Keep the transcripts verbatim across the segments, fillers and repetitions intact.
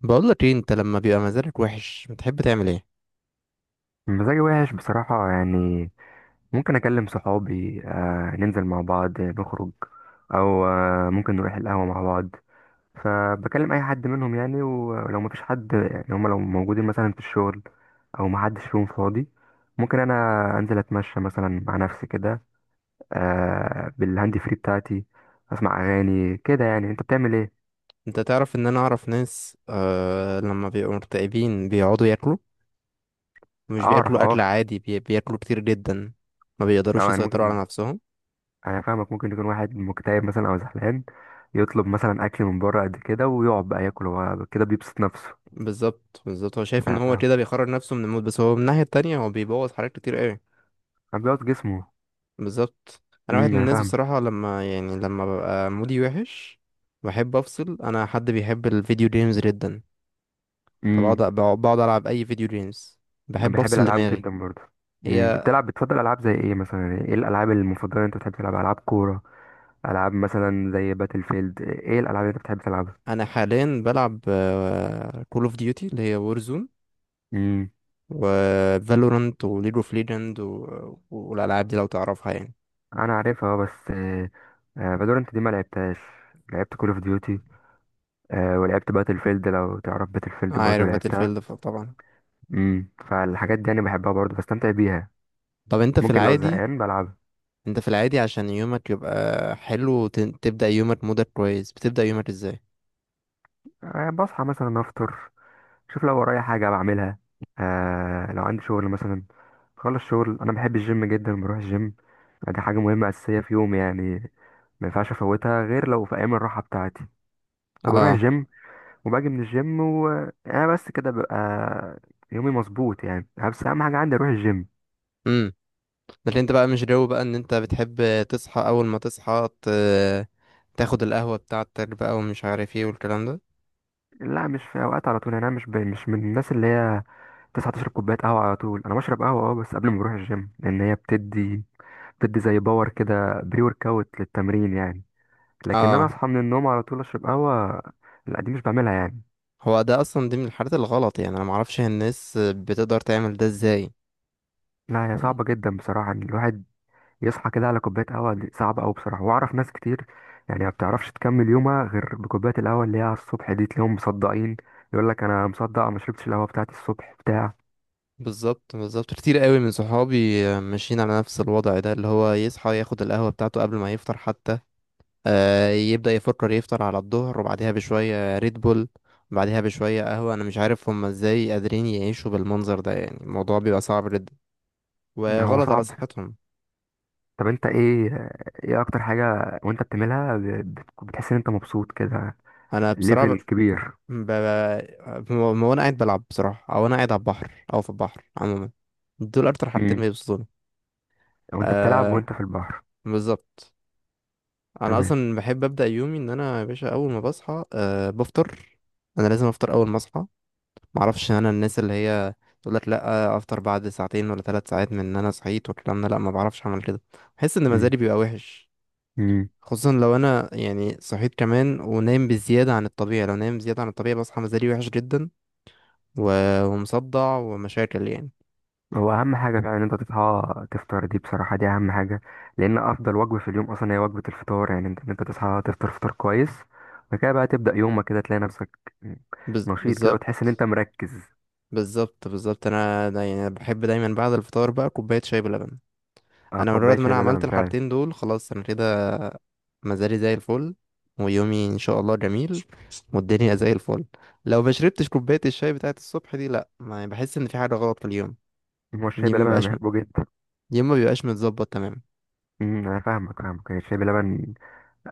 بقول لك ايه، انت لما بيبقى مزاجك وحش بتحب تعمل ايه؟ مزاجي وحش بصراحة يعني. ممكن أكلم صحابي، آه ننزل مع بعض نخرج، أو آه ممكن نروح القهوة مع بعض. فبكلم أي حد منهم يعني، ولو مفيش حد يعني هما لو موجودين مثلا في الشغل أو محدش فيهم فاضي، ممكن أنا أنزل أتمشى مثلا مع نفسي كده، آه بالهاند فري بتاعتي أسمع أغاني كده. يعني أنت بتعمل إيه؟ انت تعرف ان انا اعرف ناس، آه لما بيبقوا مكتئبين بيقعدوا ياكلوا. مش أعرف بياكلوا اكل أقف. عادي، بي... بياكلوا كتير جدا. ما بيقدروش أه يعني يسيطروا على ممكن، نفسهم. انا فاهمك. ممكن يكون واحد مكتئب مثلا او زعلان، يطلب مثلا اكل من بره قد كده ويقعد بقى ياكل، هو كده بيبسط نفسه. بالظبط، بالظبط. هو شايف ان انا هو فاهم. كده بيخرج نفسه من المود، بس هو من الناحية التانية هو بيبوظ حاجات كتير قوي. انا بيقعد جسمه. بالظبط. انا واحد امم من انا الناس، فاهمك. بصراحة، لما يعني لما ببقى مودي وحش بحب افصل. انا حد بيحب الفيديو جيمز جدا، فبقعد امم بقعد العب اي فيديو جيمز. انا بحب بحب افصل الالعاب دماغي. جدا برضه. امم انت هي. بتلعب؟ بتفضل العاب زي ايه مثلا؟ ايه الالعاب المفضله اللي انت بتحب تلعبها؟ العاب كوره، العاب مثلا زي باتل فيلد؟ ايه الالعاب اللي انت بتحب تلعبها؟ انا حاليا بلعب كول اوف ديوتي اللي هي وورزون، امم وفالورانت، وليج اوف ليجند. والالعاب دي لو تعرفها يعني. انا عارفها اه، بس آه، آه، فالورنت دي ما لعبتهاش. لعبت كول اوف ديوتي، ولعبت باتل فيلد، لو تعرف باتل فيلد برضه عارف باتل لعبتها. فيلد طبعا. امم فالحاجات دي انا بحبها برضه، بستمتع بيها. طب انت في ممكن لو العادي، زهقان بلعبها. انت في العادي عشان يومك يبقى حلو وتن- تبدأ يومك مودك كويس، بتبدأ يومك ازاي؟ أه، بصحى مثلا افطر، شوف لو ورايا حاجه بعملها. أه لو عندي شغل مثلا، خلص شغل، انا بحب الجيم جدا، بروح الجيم. دي حاجه مهمه اساسيه في يومي يعني، ما ينفعش افوتها غير لو في ايام الراحه بتاعتي. فبروح اه. الجيم وباجي من الجيم وانا بس كده ببقى يومي مظبوط يعني. بس اهم حاجه عندي اروح الجيم. امم. لكن انت بقى مش جو بقى ان انت بتحب تصحى اول ما تصحى ت... تاخد القهوة بتاعتك بقى ومش عارف ايه والكلام ده. لا مش في اوقات على طول يعني. انا مش ب... مش من الناس اللي هي تصحى تشرب كوباية قهوة على طول. أنا بشرب قهوة أه، بس قبل ما بروح الجيم، لأن هي بتدي بتدي زي باور كده، بري ورك أوت للتمرين يعني. لكن أنا اه، أصحى من النوم على طول أشرب قهوة، لا دي مش بعملها يعني. هو ده اصلا، دي من الحاجات الغلط. يعني انا معرفش هي الناس بتقدر تعمل ده ازاي لا هي يعني. صعبة جدا بصراحة إن الواحد يصحى كده على كوباية قهوة، دي صعبة أوي بصراحة. وأعرف ناس كتير يعني ما بتعرفش تكمل يومها غير بكوباية القهوة اللي هي على الصبح دي، تلاقيهم مصدقين، يقول لك أنا مصدق ما شربتش القهوة بتاعتي الصبح بتاع. بالظبط، بالظبط. كتير قوي من صحابي ماشيين على نفس الوضع ده اللي هو يصحى ياخد القهوة بتاعته قبل ما يفطر حتى. آه يبدأ يفكر يفطر على الظهر، وبعدها بشوية ريد بول، بعدها بشوية قهوة. انا مش عارف هم ازاي قادرين يعيشوا بالمنظر ده. يعني الموضوع بيبقى صعب جدا هو وغلط على صعب. صحتهم. طب أنت إيه؟ إيه أكتر حاجة وأنت بتعملها ب- بت- بتحس إن أنت مبسوط كده انا بصراحة ليفل كبير؟ ب... ب... ب... وانا قاعد بلعب، بصراحة، او انا قاعد على البحر او في البحر عموما، دول اكتر حاجتين مم. بيبسطوني. لو انت بتلعب آه، وانت في البحر؟ بالظبط. انا تمام. اصلا بحب ابدا يومي ان انا، يا باشا، اول ما بصحى آه بفطر. انا لازم افطر اول ما اصحى. معرفش انا الناس اللي هي تقول لك لا، افطر بعد ساعتين ولا ثلاث ساعات من ان انا صحيت والكلام ده. لا، ما بعرفش اعمل كده. بحس ان مم. مزاجي بيبقى وحش، مم. خصوصا لو انا يعني صحيت كمان ونايم بزياده عن الطبيعي. لو نايم زياده عن الطبيعي بصحى مزاجي وحش جدا، و- ومصدع ومشاكل يعني. هو اهم حاجه فعلا ان انت تصحى تفطر، دي بصراحه دي اهم حاجه، لان افضل وجبه في اليوم اصلا هي وجبه الفطار. يعني انت ان انت تصحى تفطر فطار كويس وبعد كده بقى تبدا يومك كده، تلاقي نفسك بز- نشيط كده وتحس ان بالظبط، انت مركز. بالظبط، بالظبط. انا دا يعني بحب دايما بعد الفطار بقى كوبايه شاي بلبن. اه انا مجرد كوبايه ما انا شاي عملت بلبن فعلا. الحاجتين دول خلاص، انا كده مزاجي زي الفل، ويومي ان شاء الله جميل، والدنيا زي الفل. لو ما شربتش كوبايه الشاي بتاعه الصبح دي، لا، ما بحس ان في حاجه غلط في اليوم. هو الشاي اليوم ما بلبن انا بيبقاش بحبه جدا. اليوم ما بيبقاش متظبط تمام. امم، انا فاهمك فاهمك يعني الشاي بلبن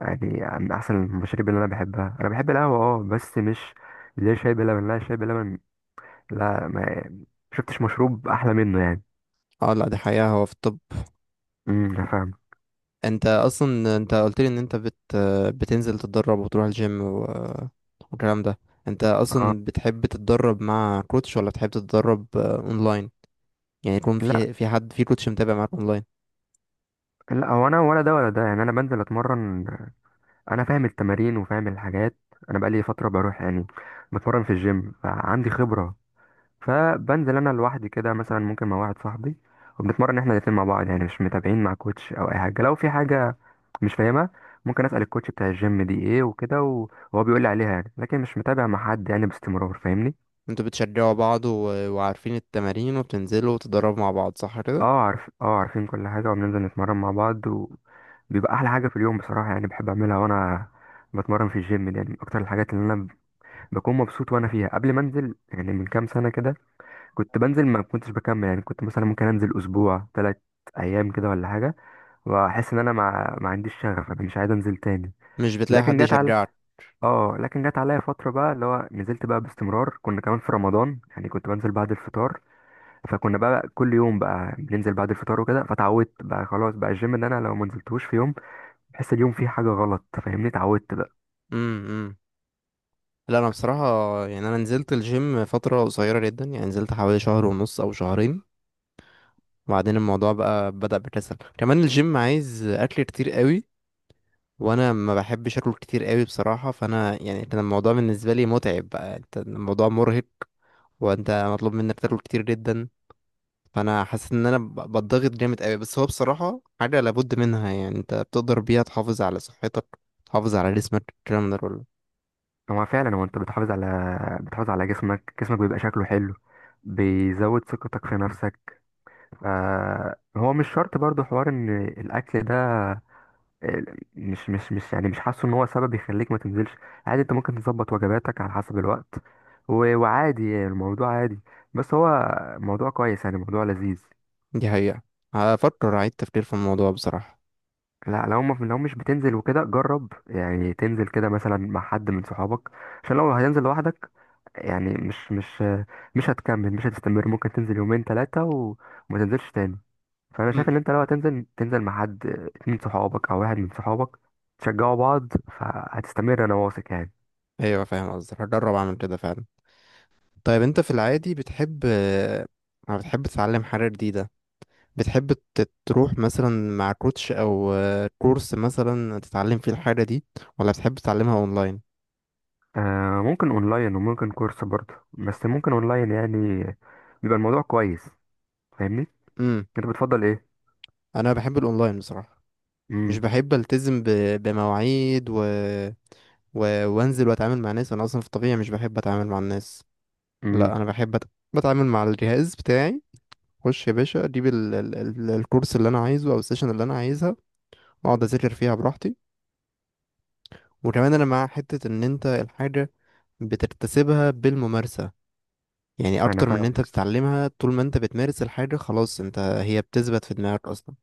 يعني من احسن المشاريب اللي انا بحبها. انا بحب القهوه اه، بس مش اللي هي شاي بلبن، لا الشاي بلبن لا ما شفتش مشروب احلى منه يعني. اه لا، دي حقيقه، هو في الطب. امم انا فاهم. انت اصلا، انت قلت لي ان انت بت بتنزل تتدرب وتروح الجيم و... والكلام ده. انت اه، اصلا بتحب تتدرب مع كوتش ولا بتحب تتدرب آه، اونلاين؟ يعني يكون لا. في في حد، في كوتش، متابع معاك اونلاين. لا هو انا ولا ده ولا ده يعني، انا بنزل اتمرن، انا فاهم التمارين وفاهم الحاجات. انا بقالي فتره بروح يعني، بتمرن في الجيم، فعندي خبره. فبنزل انا لوحدي كده، مثلا ممكن مع واحد صاحبي، وبنتمرن احنا الاتنين مع بعض يعني، مش متابعين مع كوتش او اي حاجه. لو في حاجه مش فاهمها ممكن اسال الكوتش بتاع الجيم دي ايه وكده، وهو بيقول لي عليها يعني، لكن مش متابع مع حد يعني باستمرار، فاهمني؟ انتوا بتشجعوا بعض و... وعارفين التمارين وبتنزلوا وتتدربوا مع بعض، صح كده؟ اه عارف، اه عارفين كل حاجة وبننزل نتمرن مع بعض، وبيبقى أحلى حاجة في اليوم بصراحة يعني. بحب أعملها وأنا بتمرن في الجيم دي يعني، من أكتر الحاجات اللي أنا بكون مبسوط وأنا فيها. قبل ما أنزل يعني من كام سنة كده، كنت بنزل ما كنتش بكمل يعني، كنت مثلا ممكن أنزل أسبوع تلات أيام كده ولا حاجة، وأحس إن أنا ما, ما عنديش شغف، أنا مش عايز أنزل تاني. مش بتلاقي لكن حد جت على يشجعك. اه لكن جت عليا فترة بقى اللي هو نزلت بقى باستمرار. كنا كمان في رمضان يعني، كنت بنزل بعد الفطار، فكنا بقى كل يوم بقى بننزل بعد الفطار وكده، فتعودت بقى خلاص بقى الجيم، ان انا لو ما نزلتوش في يوم بحس اليوم فيه حاجه غلط، فاهمني؟ اتعودت بقى. امم، امم. لا، انا بصراحه، يعني انا نزلت الجيم فتره قصيره جدا. يعني نزلت حوالي شهر ونص او شهرين، وبعدين الموضوع بقى بدأ بكسل. كمان الجيم عايز اكل كتير قوي، وانا ما بحبش اكل كتير قوي بصراحه. فانا يعني كان الموضوع بالنسبه لي متعب بقى. يعني انت الموضوع مرهق، وانت مطلوب منك تاكل كتير جدا. فانا حاسس ان انا ب- بتضغط جامد قوي. بس هو بصراحه حاجه لابد منها، يعني انت بتقدر بيها تحافظ على صحتك، تحافظ على جسمك، الكلام ده كله. هو فعلا هو انت بتحافظ على بتحافظ على جسمك، جسمك بيبقى شكله حلو، بيزود ثقتك في نفسك. آه هو مش شرط برضو حوار ان الاكل ده آه، مش مش مش يعني مش حاسه ان هو سبب يخليك ما تنزلش. عادي انت ممكن تظبط وجباتك على حسب الوقت و- وعادي الموضوع عادي، بس هو موضوع كويس يعني، موضوع لذيذ. دي حقيقه. هفكر اعيد تفكير في الموضوع بصراحه. لا، لو ما لو مش بتنزل وكده، جرب يعني تنزل كده مثلا مع حد من صحابك، عشان لو هتنزل لوحدك يعني مش مش مش هتكمل، مش هتستمر، ممكن تنزل يومين ثلاثة وما تنزلش تاني. فانا شايف مم. ان انت لو هتنزل تنزل مع حد، اتنين صحابك او واحد من صحابك، تشجعوا بعض، فهتستمر انا واثق يعني. ايوه، فاهم قصدك، هجرب اعمل كده فعلا. طيب انت في العادي بتحب آه، بتحب تتعلم حاجه جديده؟ بتحب ت- تروح مثلا مع كوتش او آه، كورس مثلا تتعلم فيه الحاجه دي، ولا بتحب تتعلمها اونلاين؟ آه ممكن اونلاين وممكن كورس برضه، بس ممكن اونلاين يعني بيبقى الموضوع كويس، فاهمني؟ امم انت بتفضل ايه؟ انا بحب الاونلاين بصراحه. مش امم بحب التزم ب... بمواعيد و... و... وانزل واتعامل مع ناس. انا اصلا في الطبيعه مش بحب اتعامل مع الناس. امم لا، انا بحب أت... بتعامل مع الجهاز بتاعي. خش يا باشا اجيب ال... ال... ال- الكورس اللي انا عايزه او السيشن اللي انا عايزها، واقعد اذاكر فيها براحتي. وكمان انا مع حته ان انت الحاجه بتكتسبها بالممارسه، يعني انا اكتر من ان فاهم، انت بتتعلمها. طول ما انت بتمارس الحاجه خلاص، انت هي بتثبت في دماغك اصلا.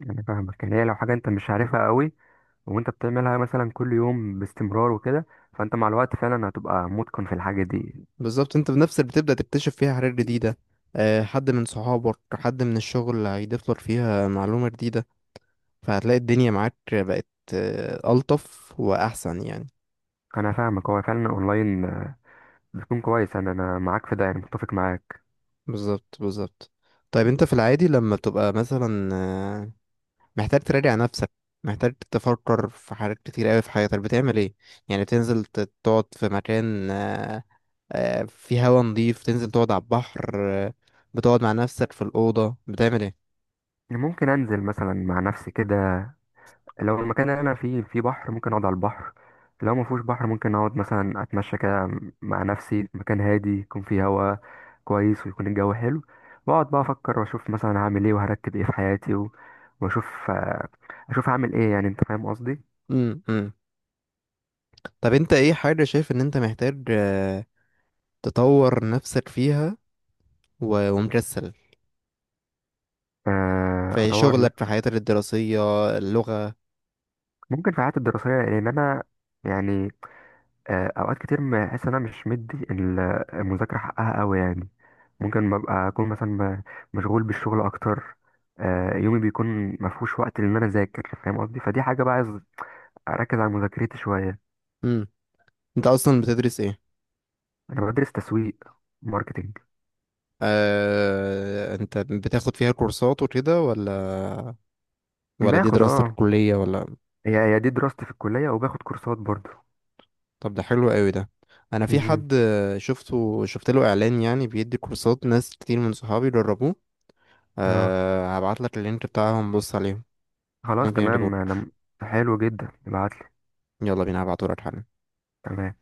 يعني فاهمك، يعني هي لو حاجة انت مش عارفها قوي، وانت بتعملها مثلا كل يوم باستمرار وكده، فانت مع الوقت فعلا هتبقى متقن في الحاجة دي. بالظبط، انت بنفسك بتبدأ تكتشف فيها حاجات جديدة. آه، حد من صحابك، حد من الشغل هيضيف لك فيها معلومة جديدة، فهتلاقي الدنيا معاك بقت آه، ألطف وأحسن يعني. انا فاهمك، هو فعلا اونلاين بيكون كويس، انا انا معاك في ده يعني، متفق معاك. بالظبط، بالظبط. طيب انت في العادي لما بتبقى مثلا آه، محتاج تراجع نفسك، محتاج تفكر في حاجات كتير قوي في حياتك، بتعمل ايه؟ يعني بتنزل ت- تقعد في مكان آه، آه، فيه هوا نضيف، تنزل تقعد على البحر، آه، بتقعد مع نفسك في الأوضة، بتعمل ايه؟ ممكن انزل مثلا مع نفسي كده، لو المكان اللي انا فيه فيه بحر ممكن اقعد على البحر، لو ما فيهوش بحر ممكن اقعد مثلا اتمشى كده مع نفسي في مكان هادي، يكون فيه هوا كويس، ويكون الجو حلو، واقعد بقى افكر واشوف مثلا هعمل ايه وهرتب ايه في حياتي و... واشوف آه، اشوف هعمل ايه، يعني انت فاهم قصدي. امم، امم. طب انت ايه حاجة شايف ان انت محتاج آه، تطور نفسك فيها و- ومكسل، آه، في اطور شغلك، في نفسي. حياتك الدراسية، اللغة؟ ممكن في حياتي الدراسيه، لان انا يعني آه، اوقات كتير بحس ان انا مش مدي ال- المذاكره حقها قوي يعني. ممكن ببقى اكون مثلا م- مشغول بالشغل اكتر، آه، يومي بيكون ما فيهوش وقت ان انا اذاكر، فاهم قصدي؟ فدي حاجه بقى عايز اركز على مذاكرتي شويه. امم. انت اصلا بتدرس ايه؟ انا بدرس تسويق، ماركتنج. آه، انت بتاخد فيها كورسات وكده، ولا ولا دي باخد دراستك اه، الكلية ولا؟ هي هي دي دراستي في الكليه، وباخد كورسات برضه. طب ده حلو قوي ده. انا في مهم. حد آه، شفته، شفت له اعلان يعني بيدي كورسات، ناس كتير من صحابي جربوه. اه، أه، هبعت لك اللينك بتاعهم، بص عليهم، خلاص ممكن تمام انا، يعجبوك. حلو جدا، ابعتلي. يلا بينا، هبعته لك حالا. تمام.